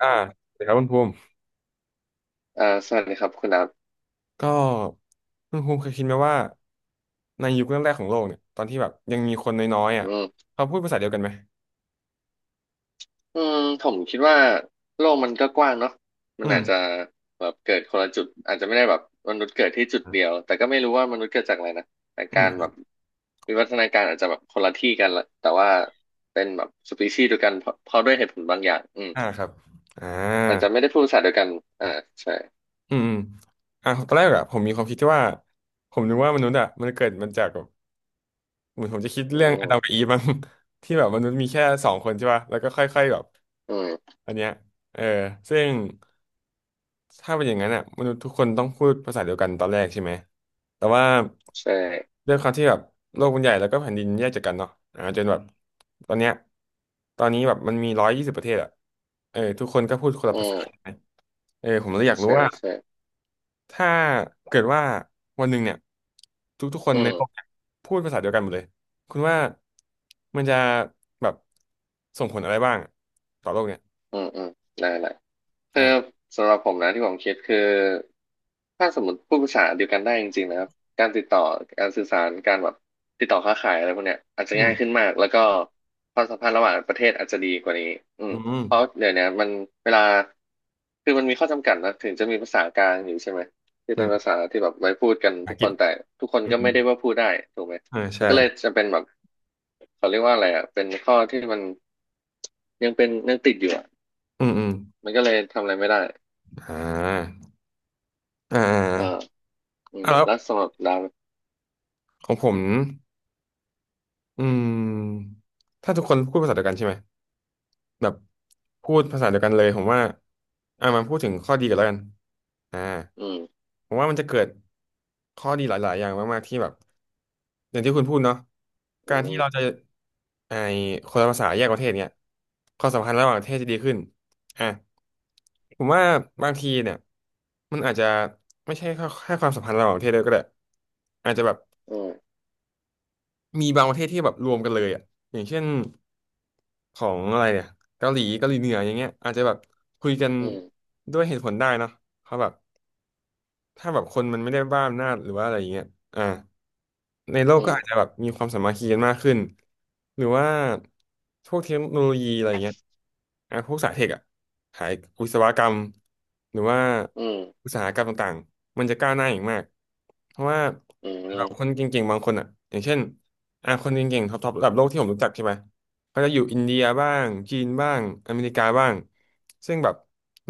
อ่าสวัสดีครับคุณภูมิสวัสดีครับคุณนับก็คุณภูมิเคยคิดไหมว่าในยุคแรกๆของโลกเนี่ยตอนที่แบบยังมีคนน้อยๆอ่ะอืมเขาพูดภาษาเดียวกันไหมอืมผมคิดว่าโลกมันก็กว้างเนาะมัอืนอาจจะมแบบเกิดคนละจุดอาจจะไม่ได้แบบมนุษย์เกิดที่จุดเดียวแต่ก็ไม่รู้ว่ามนุษย์เกิดจากอะไรนะแต่อืการแบบมวิวัฒนาการอาจจะแบบคนละที่กันละแต่ว่าเป็นแบบสปีชีส์เดียวกันเพราะด้วยเหตุผลบางอย่างอ่าครับอ่อาจาจะไม่ได้พูดภาษาเดียวกันอ่าใช่อืมอืมอ่าตอนแรกอะผมมีความคิดที่ว่าผมนึกว่ามนุษย์อะมันเกิดมันจากแบบเหมือนผมจะคิดอืเรื่องอาดัมมกับอีฟมั้ง ที่แบบมนุษย์มีแค่สองคนใช่ป่ะแล้วก็ค่อยๆแบบอืมอันเนี้ยเออซึ่ง ถ้าเป็นอย่างนั้นอ่ะมนุษย์ทุกคนต้องพูดภาษาเดียวกันตอนแรกใช่ไหมแต่ว่าใช่ด้วยความที่แบบโลกมันใหญ่แล้วก็แผ่นดินแยกจากกันเนาะอ่าจนแบบตอนเนี้ยตอนนี้แบบมันมี120ประเทศอ่ะเออทุกคนก็พูดคนละอืภาษาใช่ไหมมเออผมเลยอยากรู้ใช่ว่าใช่ถ้าเกิดว่าวันหนึ่งเนี่ยทุกๆคนอืในโลกมเนี่ยพูดภาษาเดียวกันหมดเลยคุณว่ามันจะแบบส่งผลอะไรบ้างต่อโลกเนี่ยอืมอืมได้ละ คืออ่าสำหรับผมนะที่ผมคิดคือถ้าสมมติพูดภาษาเดียวกันได้จริงๆนะครับการติดต่อการสื่อสารการแบบติดต่อค้าขายอะไรพวกเนี้ยอาจจะอืง่ายมขึ้นมากแล้วก็ความสัมพันธ์ระหว่างประเทศอาจจะดีกว่านี้อือืมมเพราะเดี๋ยวเนี้ยมันเวลาคือมันมีข้อจำกัดนะถึงจะมีภาษากลางอยู่ใช่ไหมที่อืเป็นมภาษาที่แบบไว้พูดกันภาษาอัทุงกกคฤษนแต่ทุกคนอืก็ไม่มได้ว่าพูดได้ถูกไหมอ่ามัใช่ นก็เลยจะเป็นแบบเขาเรียกว่าอะไรอ่ะเป็นข้อที่มันยังเป็นยังติดอยู่อ่ะอืมอืมมันก็เลยทำอะไรไม่ได้ อ่าอ่าเอออ่าแล้วแล้วสำหรับเราของผมอืม ถ้าทุกคนพูดภาษาเดียวกันใช่ไหม แบบพูดภาษาเดียวกันเลยผมว่าอ่ะมาพูดถึงข้อดีกันแล้วกันอ่าอืมผมว่ามันจะเกิดข้อดีหลายๆอย่างมากๆที่แบบอย่างที่คุณพูดเนาะอืการที่มเราจะไอคนละภาษาแยกประเทศเนี่ยความสัมพันธ์ระหว่างประเทศจะดีขึ้นอ่ะผมว่าบางทีเนี่ยมันอาจจะไม่ใช่แค่ความสัมพันธ์ระหว่างประเทศด้วยก็ได้อาจจะแบบ อืมมีบางประเทศที่แบบรวมกันเลยอ่ะอย่างเช่นของอะไรเนี่ยเกาหลีเหนืออย่างเงี้ยอาจจะแบบคุยกันอืมด้วยเหตุผลได้เนอะเพราะแบบถ้าแบบคนมันไม่ได้บ้าอำนาจหรือว่าอะไรอย่างเงี้ยอ่า ในโลกอืก็มอาจจะแบบมีความสามัคคีกันมากขึ้นหรือว่าพวกเทคโนโลยีอะไรเงี้ยอ่ะพวกสายเทคอะสายวิศวกรรมหรือว่าอืมอุตสาหกรรมต่างๆมันจะก้าวหน้าอย่างมากเพราะว่าอืแบบคนมเก่งๆบางคนอะอย่างเช่นอ่ะคนเก่งๆท็อปๆระดับโลกที่ผมรู้จักใช่ไหมเขาจะอยู่อินเดียบ้างจีนบ้างอเมริกาบ้างซึ่งแบบ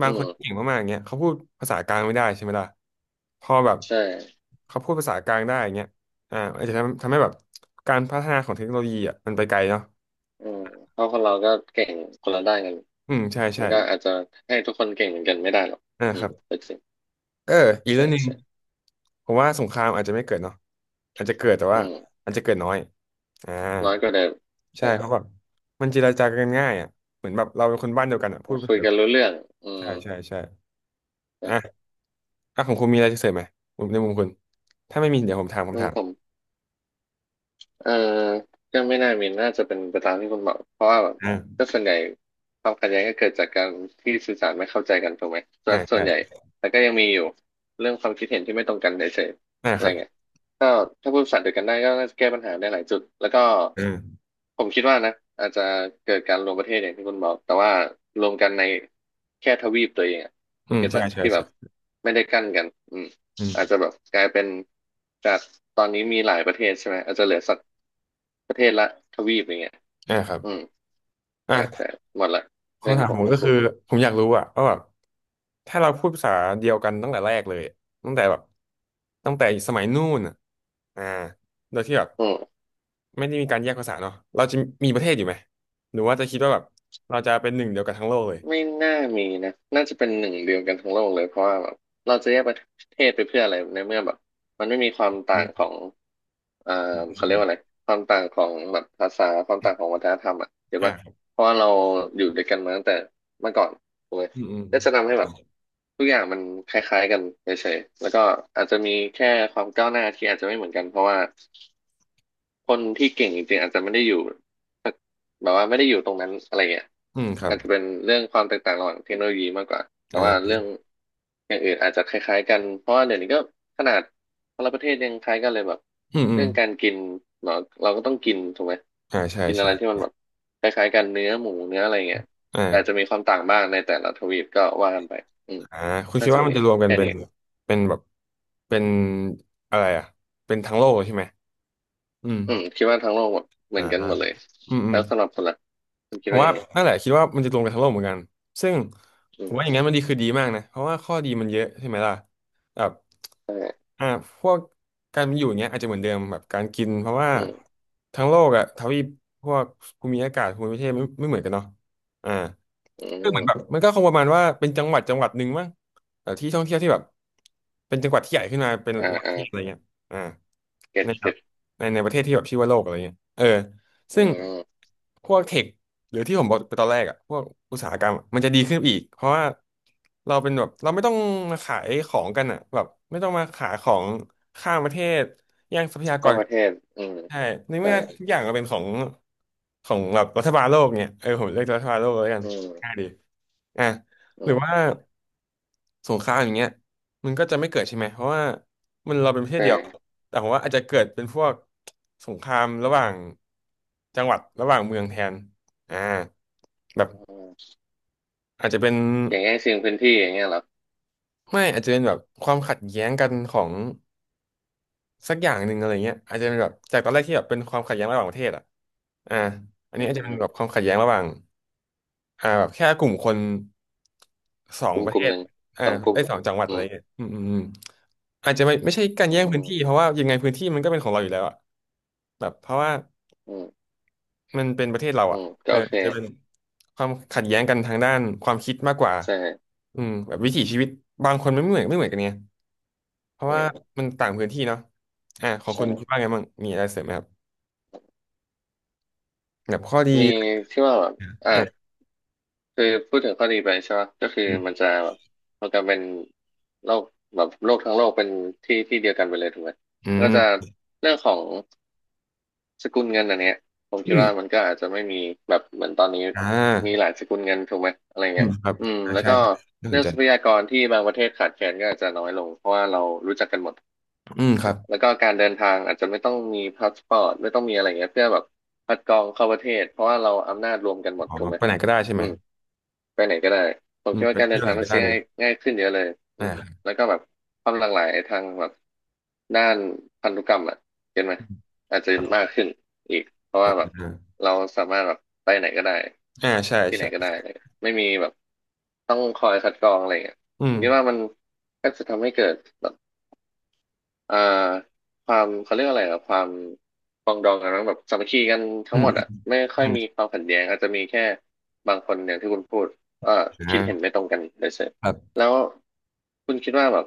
บาอืงคนมที่เก่งมากๆเงี้ยเขาพูดภาษากลางไม่ได้ใช่ไหมล่ะพอแบบใช่เขาพูดภาษากลางได้เงี้ย อ่าอาจจะทำให้แบบการพัฒนาของเทคโนโลยีอ่ะมันไปไกลเนาะอืมเพราะคนเราก็เก่งคนละด้านกัน อืมใช่มัใช่นก็อาจจะให้ทุกคนเก่งเหมือนกันไม่ได้หรอกอ่าครับเป็นสิ่งเอออีกใช่เรื่องหนึ่งใช่ผมว่าสงครามอาจจะไม่เกิดเนาะอาจจะเกิดแต่อืว่ามอาจจะเกิดน้อยอ่าน้อยกว่าเดิมใช่ใช่เพราะแบบมันเจรจากันง่ายอ่ะเหมือนแบบเราเป็นคนบ้านเดียวกันอ่ะพูดภาคุษายเดียกัวนกันรู้เรื่องอืใช่มใช่ใช่อ่ะใช่อ่ะของคุณมีอะไรจะเสริมไหมผมในมุมคุณถ้าไม่มีเดี๋ยวผมถามผอืมมถามผม เออก็ไม่น่ามีน่าจะเป็นไปตามที่คุณบอกเพราะว่าแบบอ่าก็ส่วนใหญ่ความขัดแย้งก็เกิดจากการที่สื่อสารไม่เข้าใจกันถูกไหมส่วอ่านส่วใช่นใหญ่แต่ก็ยังมีอยู่เรื่องความคิดเห็นที่ไม่ตรงกันเฉยอ่าๆอะคไรรับเงี้ยก็ถ้าพูดภาษาเดียวกันได้ก็น่าจะแก้ปัญหาได้หลายจุดแล้วก็อืมผมคิดว่านะอาจจะเกิดการรวมประเทศอย่างที่คุณบอกแต่ว่ารวมกันในแค่ทวีปตัวเองอะอืมเก็ตใช่ปะใช่ที่แบใช่บไม่ได้กั้นกันอืมอาจจะแบบกลายเป็นจากตอนนี้มีหลายประเทศใช่ไหมอาจจะเหลือสัก ประเทศละทวีปอย่างเงี้ยอ่าครับอืมแต่อ่ะ หมดละเรื่องคำที่ถามผมผมจะก็พูคืดอผมอยากรู้อะว่าแบบถ้าเราพูดภาษาเดียวกันตั้งแต่แรกเลยตั้งแต่แบบตั้งแต่สมัยนู่นอะอ่าโดยที่แบบอืมไม่ได้มีการแยกภาษาเนาะเราจะมีประเทศอยู่ไหมหรือว่าจะคิดว่าแบบเราจะเป็นหนึ่งเดียวกันทั้งโลกเลยไม่น่ามีนะน่าจะเป็นหนึ่งเดียวกันทั้งโลกเลยเพราะว่าแบบเราจะแยกประเทศไปเพื่ออะไรในเมื่อแบบมันไม่มีความอืต่างขอมงเอ่ออืเขาเรียมกว่าอะไรความต่างของแบบภาษาความต่างของวัฒนธรรมอ่ะเห็นอ่าปะครับเพราะว่าเราอยู่ด้วยกันมาตั้งแต่เมื่อก่อนถูกไหมอืมอืมก็จะทำให้แบบทุกอย่างมันคล้ายๆกันเฉยๆแล้วก็อาจจะมีแค่ความก้าวหน้าที่อาจจะไม่เหมือนกันเพราะว่าคนที่เก่งจริงๆอาจจะไม่ได้อยู่ แบบว่าไม่ได้อยู่ตรงนั้นอะไรเงี้ยอืมครับอาจจะเป็นเรื่องความแตกต่างระหว่างเทคโนโลยีมากกว่าแต่อ่าว่าเรื่องอย่างอื่นอาจจะคล้ายๆกันเพราะว่าเดี๋ยวนี้ก็ขนาดคนละประเทศยังคล้ายกันเลยแบบอืมอืเรื่มองการกินเนาะเราก็ต้องกินถูกไหมอ่าใช่กินอะไรที่มัใช่นแบบคล้ายๆกันเนื้อหมูเนื้ออะไรเงี้ยแต่อาจจะอ่ามีความต่างบ้างในแต่ละทวีปก็ว่ากันไปอืมอ่าคุณคิน่าดจะว่ามีมันจะรวมกันแค่เป็นนี้เป็นแบบเป็นอะไรอะเป็นทั้งโลกเลยใช่ไหมอืมอืมคิดว่าทั้งโลกแบบเหมือ่าอนกันหมดเลยอืมอืแล้ม วสำหรับคนละคุณคิผดมว่าว่ายังไงนั่นแหละคิดว่ามันจะลงไปทั้งโลกเหมือนกันซึ่งอืผมว่าอย่างนั้มนมันดีคือดีมากนะเพราะว่าข้อดีมันเยอะใช่ไหมล่ะแบบใช่อ่าพวกการมีอยู่อย่างเงี้ยอาจจะเหมือนเดิมแบบการกินเพราะว่าอืมทั้งโลกอะทวีปพวกภูมิอากาศภูมิประเทศไม่เหมือนกันเนาะอ่า อืคือเหมือนแบบมมันก็คงประมาณว่าเป็นจังหวัดจังหวัดหนึ่งมั้งแต่ที่ท่องเที่ยวที่แบบเป็นจังหวัดที่ใหญ่ขึ้นมาเป็นอ่าระดับปอ่าระเทศอะไรเงี้ยอ่าเก็ตในแบเก็ บในประเทศที่แบบชื่อว่าโลกอะไรเงี้ยเอออืซึ่งมพวกเทคหรือที่ผมบอกไปตอนแรกอ่ะพวกอุตสาหกรรมอะมันจะดีขึ้นอีกเพราะว่าเราเป็นแบบเราไม่ต้องมาขายของกันอะแบบไม่ต้องมาขายของข้ามประเทศแย่งทรัพยากข้ารมปกัระนเทศอืมใช่ในใช่เมื่อทุกอย่างมันเป็นของแบบรัฐบาลโลกเนี่ยเออผมเรียกรัฐบาลโลกแล้วกัน อืง่ายมดีอ่ะอืหรือว่ามสงครามอย่างเงี้ยมันก็จะไม่เกิดใช่ไหม เพราะว่าเราเป็นประเทใศเดียว ช่แต่ผมว่าอาจจะเกิดเป็นพวกสงครามระหว่างจังหวัดระหว่างเมืองแทนอ่าแบบอืมอาจจะเป็นอย่างง่ายชิงพื้นที่อย่างเงี้ยเหรอไม่อาจจะเป็นแบบความขัดแย้งกันของสักอย่างหนึ่งอะไรเงี้ยอาจจะเป็นแบบจากตอนแรกที่แบบเป็นความขัดแย้งระหว่างประเทศอ่ะอ่าอันอืนี้อาจจะเป็มนแบบความขัดแย้งระหว่างอ่าแบบแค่กลุ่มคนสองกลุ่มประกเทลุ่มศหนึ่งอ่าสองกลุ่ไอ้มยสองจังหวัดอะอืไรมเงี้ยอืมอืมอืม อาจจะไม่ใช่การอืแย่งพื้นที่เพมราะว่ายังไงพื้นที่มันก็เป็นของเราอยู่แล้วอะแบบเพราะว่าอืมมันเป็นประเทศเราอือะมเอก็อโอเคอาจจะเป็นความขัดแย้งกันทางด้านความคิดมากกว่าใช่อืมแบบวิถีชีวิตบางคนไม่เหมือนกันเนี่ยเพราะอืว่ามมันต่างพื้นที่เนาะอ่ะของคุณคิดใช่ว่าไงบ้างมีอะไรเสริมไหมครับแบบข้อดีมีที่ว่าแบบอ่ะอ่ะคือพูดถึงข้อดีไปใช่ไหมก็คืออืมันมจะแบบมันจะเป็นโลกแบบโลกทั้งโลกเป็นที่ที่เดียวกันไปเลยถูกไหมก็จะเรื่องของ สกุลเงินอันเนี้ยผมอืคิดมว่ามันก็อาจจะไม่มีแบบเหมือนตอนนี้อ่ามีหลายสกุลเงินถูกไหมอะไรอืเงี้มยครับอืมอ่าแล้วใช่ก็ใช่น่าสเรื่นองใจทรัพยากรที่บางประเทศขาดแคลนก็อาจจะน้อยลงเพราะว่าเรารู้จักกันหมดอืมครับแล้วก็การเดินทางอาจจะไม่ต้องมีพาสปอร์ตไม่ต้องมีอะไรเงี้ยเพื่อแบบคัดกรองเข้าประเทศเพราะว่าเราอำนาจรวมกันหมดอ๋อถูกไหมไปไหนก็ได้ใช่ไหอืมม ไปไหนก็ได้ผมอืคิมดไปว่าการเดิเที่ยนวไหทานงมัก็นได้ซื้อเลยง่ายขึ้นเยอะเลยอืมอ่าแล้วก็แบบความหลากหลายทางแบบด้านพันธุกรรมอ่ะเห็นไหมอาจจะครัมากบขึ้นอีกเพราะอ่ว่าแบบาเราสามารถแบบไปไหนก็ได้อ่าใช่ที่ไหนก็ได้ใช่ เลยไม่มีแบบต้องคอยคัดกรองอะไรอย่างเงี้ยอืผมมคิดว่ามันก็จะทำให้เกิดแบบ เอ่อความเขาเรียกอะไรอะความปรองดองกันมั้งแบบสามัคคีกันทั้อืงหมมดอืมอะไม่ค่ออืยมมีความขัดแย้งอาจจะมีแค่บางคนอย่างที่คุณพูดเอ่อคิดเห็นอ่ไม่ตรงกันเลยเสร็จครับแล้วคุณคิดว่าแบบ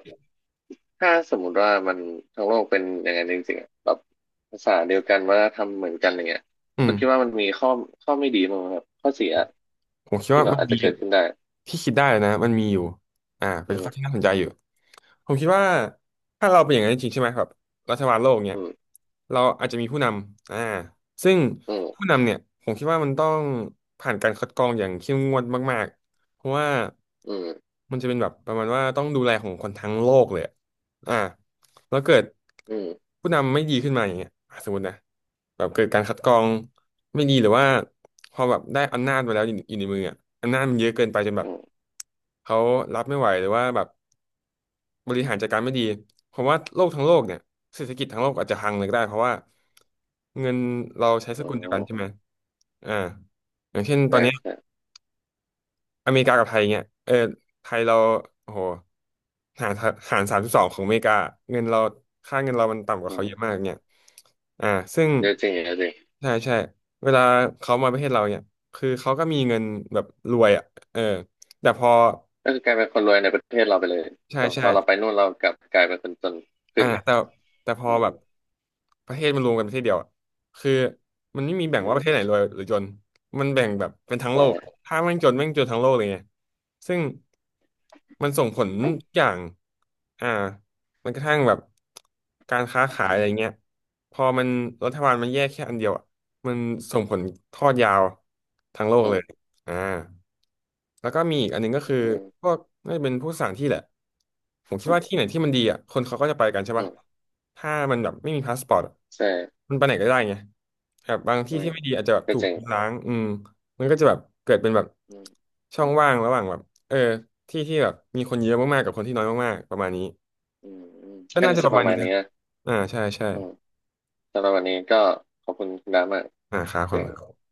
ถ้าสมมุติว่ามันทั้งโลกเป็นอย่างนั้นจริงๆอะแบบภาษาเดียวกันวัฒนธรรมเหมือนกันอย่างเงี้ยอืคุมณคิดว่ามันมีข้อไม่ดีมั้างไหมครับข้อเสียผมคิดที่ว่าแบบมันอาจมีจะเกิดขึ้นได้ที่คิดได้นะมันมีอยู่อ่าอืเป็นมข้อที่น่าสนใจอยู่ผมคิดว่าถ้าเราเป็นอย่างนั้นจริงๆใช่ไหมครับรัฐบาลโลกเนี่อืยมเราอาจจะมีผู้นำอ่าซึ่งอืมผู้นำเนี่ยผมคิดว่ามันต้องผ่านการคัดกรองอย่างเข้มงวดมากๆเพราะว่าอืมมันจะเป็นแบบประมาณว่าต้องดูแลของคนทั้งโลกเลยอะอ่าแล้วเกิดอืมผู้นำไม่ดีขึ้นมาอย่างเงี้ยอ่ะสมมตินะ แบบเกิดการคัดกรองไม่ดีหรือว่าพอแบบได้อำนาจมาแล้วอยู่ในมืออ่ะอำนาจมันเยอะเกินไปจนแบอืบมเขารับไม่ไหวหรือว่าแบบบริหารจัดการไม่ดีเพราะว่าโลกทั้งโลกเนี่ยเศรษฐกิจทั้งโลกอาจจะพังเลยก็ได้เพราะว่าเงินเราใช้สอืมกุลเดียอืวกันมใช่ไหมอ่าอย่างเช่นตอใช่นเนี้ย ใช่อเมริกากับไทยเงี้ยเออไทยเราโอ้โหหารหาร32ของอเมริกาเงินเราค่าเงินเรามันต่ำกว่าอืเขาเยมอะมากเนี่ยอ่าซึ่งเยอะจริงเยอะจริง ใช่ใช่เวลาเขามาประเทศเราเนี่ย คือเขาก็มีเงินแบบรวยอ่ะเออแต่พอก็คือกลายเป็นคนรวยในประเทศเราไปเลย ใช่แต่พใช่ อเราไปนู่นเรากลับกลายเป็นคนจนอ่าขึ้นแต่แต่พออืมแบบประเทศมันรวมกันประเทศเดียวอะคือมันไม่มีแบ่งอืว่าปมระเทศไหนรวยหรือจนมันแบ่งแบบเป็นทั้งโลกใช่ถ้าแม่งจนแม่งจนทั้งโลกเลยไงซึ่งมันส่งผลทุกอย่างอ่ามันกระทั่งแบบการค้าขายอะไรเงี้ยพอมันรัฐบาลมันแยกแค่อันเดียวอะมันส่งผลทอดยาวทั้งโลกอืเลมย อ่าแล้วก็มีอีกอันหนึงก็อืคือมพวกน่าจะเป็นผู้สั่งที่แหละผมคิดว่าที่ไหนที่มันดีอ่ะคนเขาก็จะไปกันใช่อืปะมถ้ามันแบบไม่มีพาสปอร์ตอะใช่มันไปไหนก็ได้ไงแบบบางที่อืมที่ไม่ดีอาจจะแบบก็ถูจกริงล้างอืมมันก็จะแบบเกิดเป็นแบบอืมช่องว่างระหว่างแบบเออที่ที่แบบมีคนเยอะมากๆกับคนที่น้อยมากๆประมาณนี้อืมอืมก็ก็น่าน่าจะปจะระปมาณระมานี้ณนะนี้นะอ่าใช่ใช่อืมสำหรับวันนี้ก็ขอบคุณคุณดามากอ่าครับผเสียงม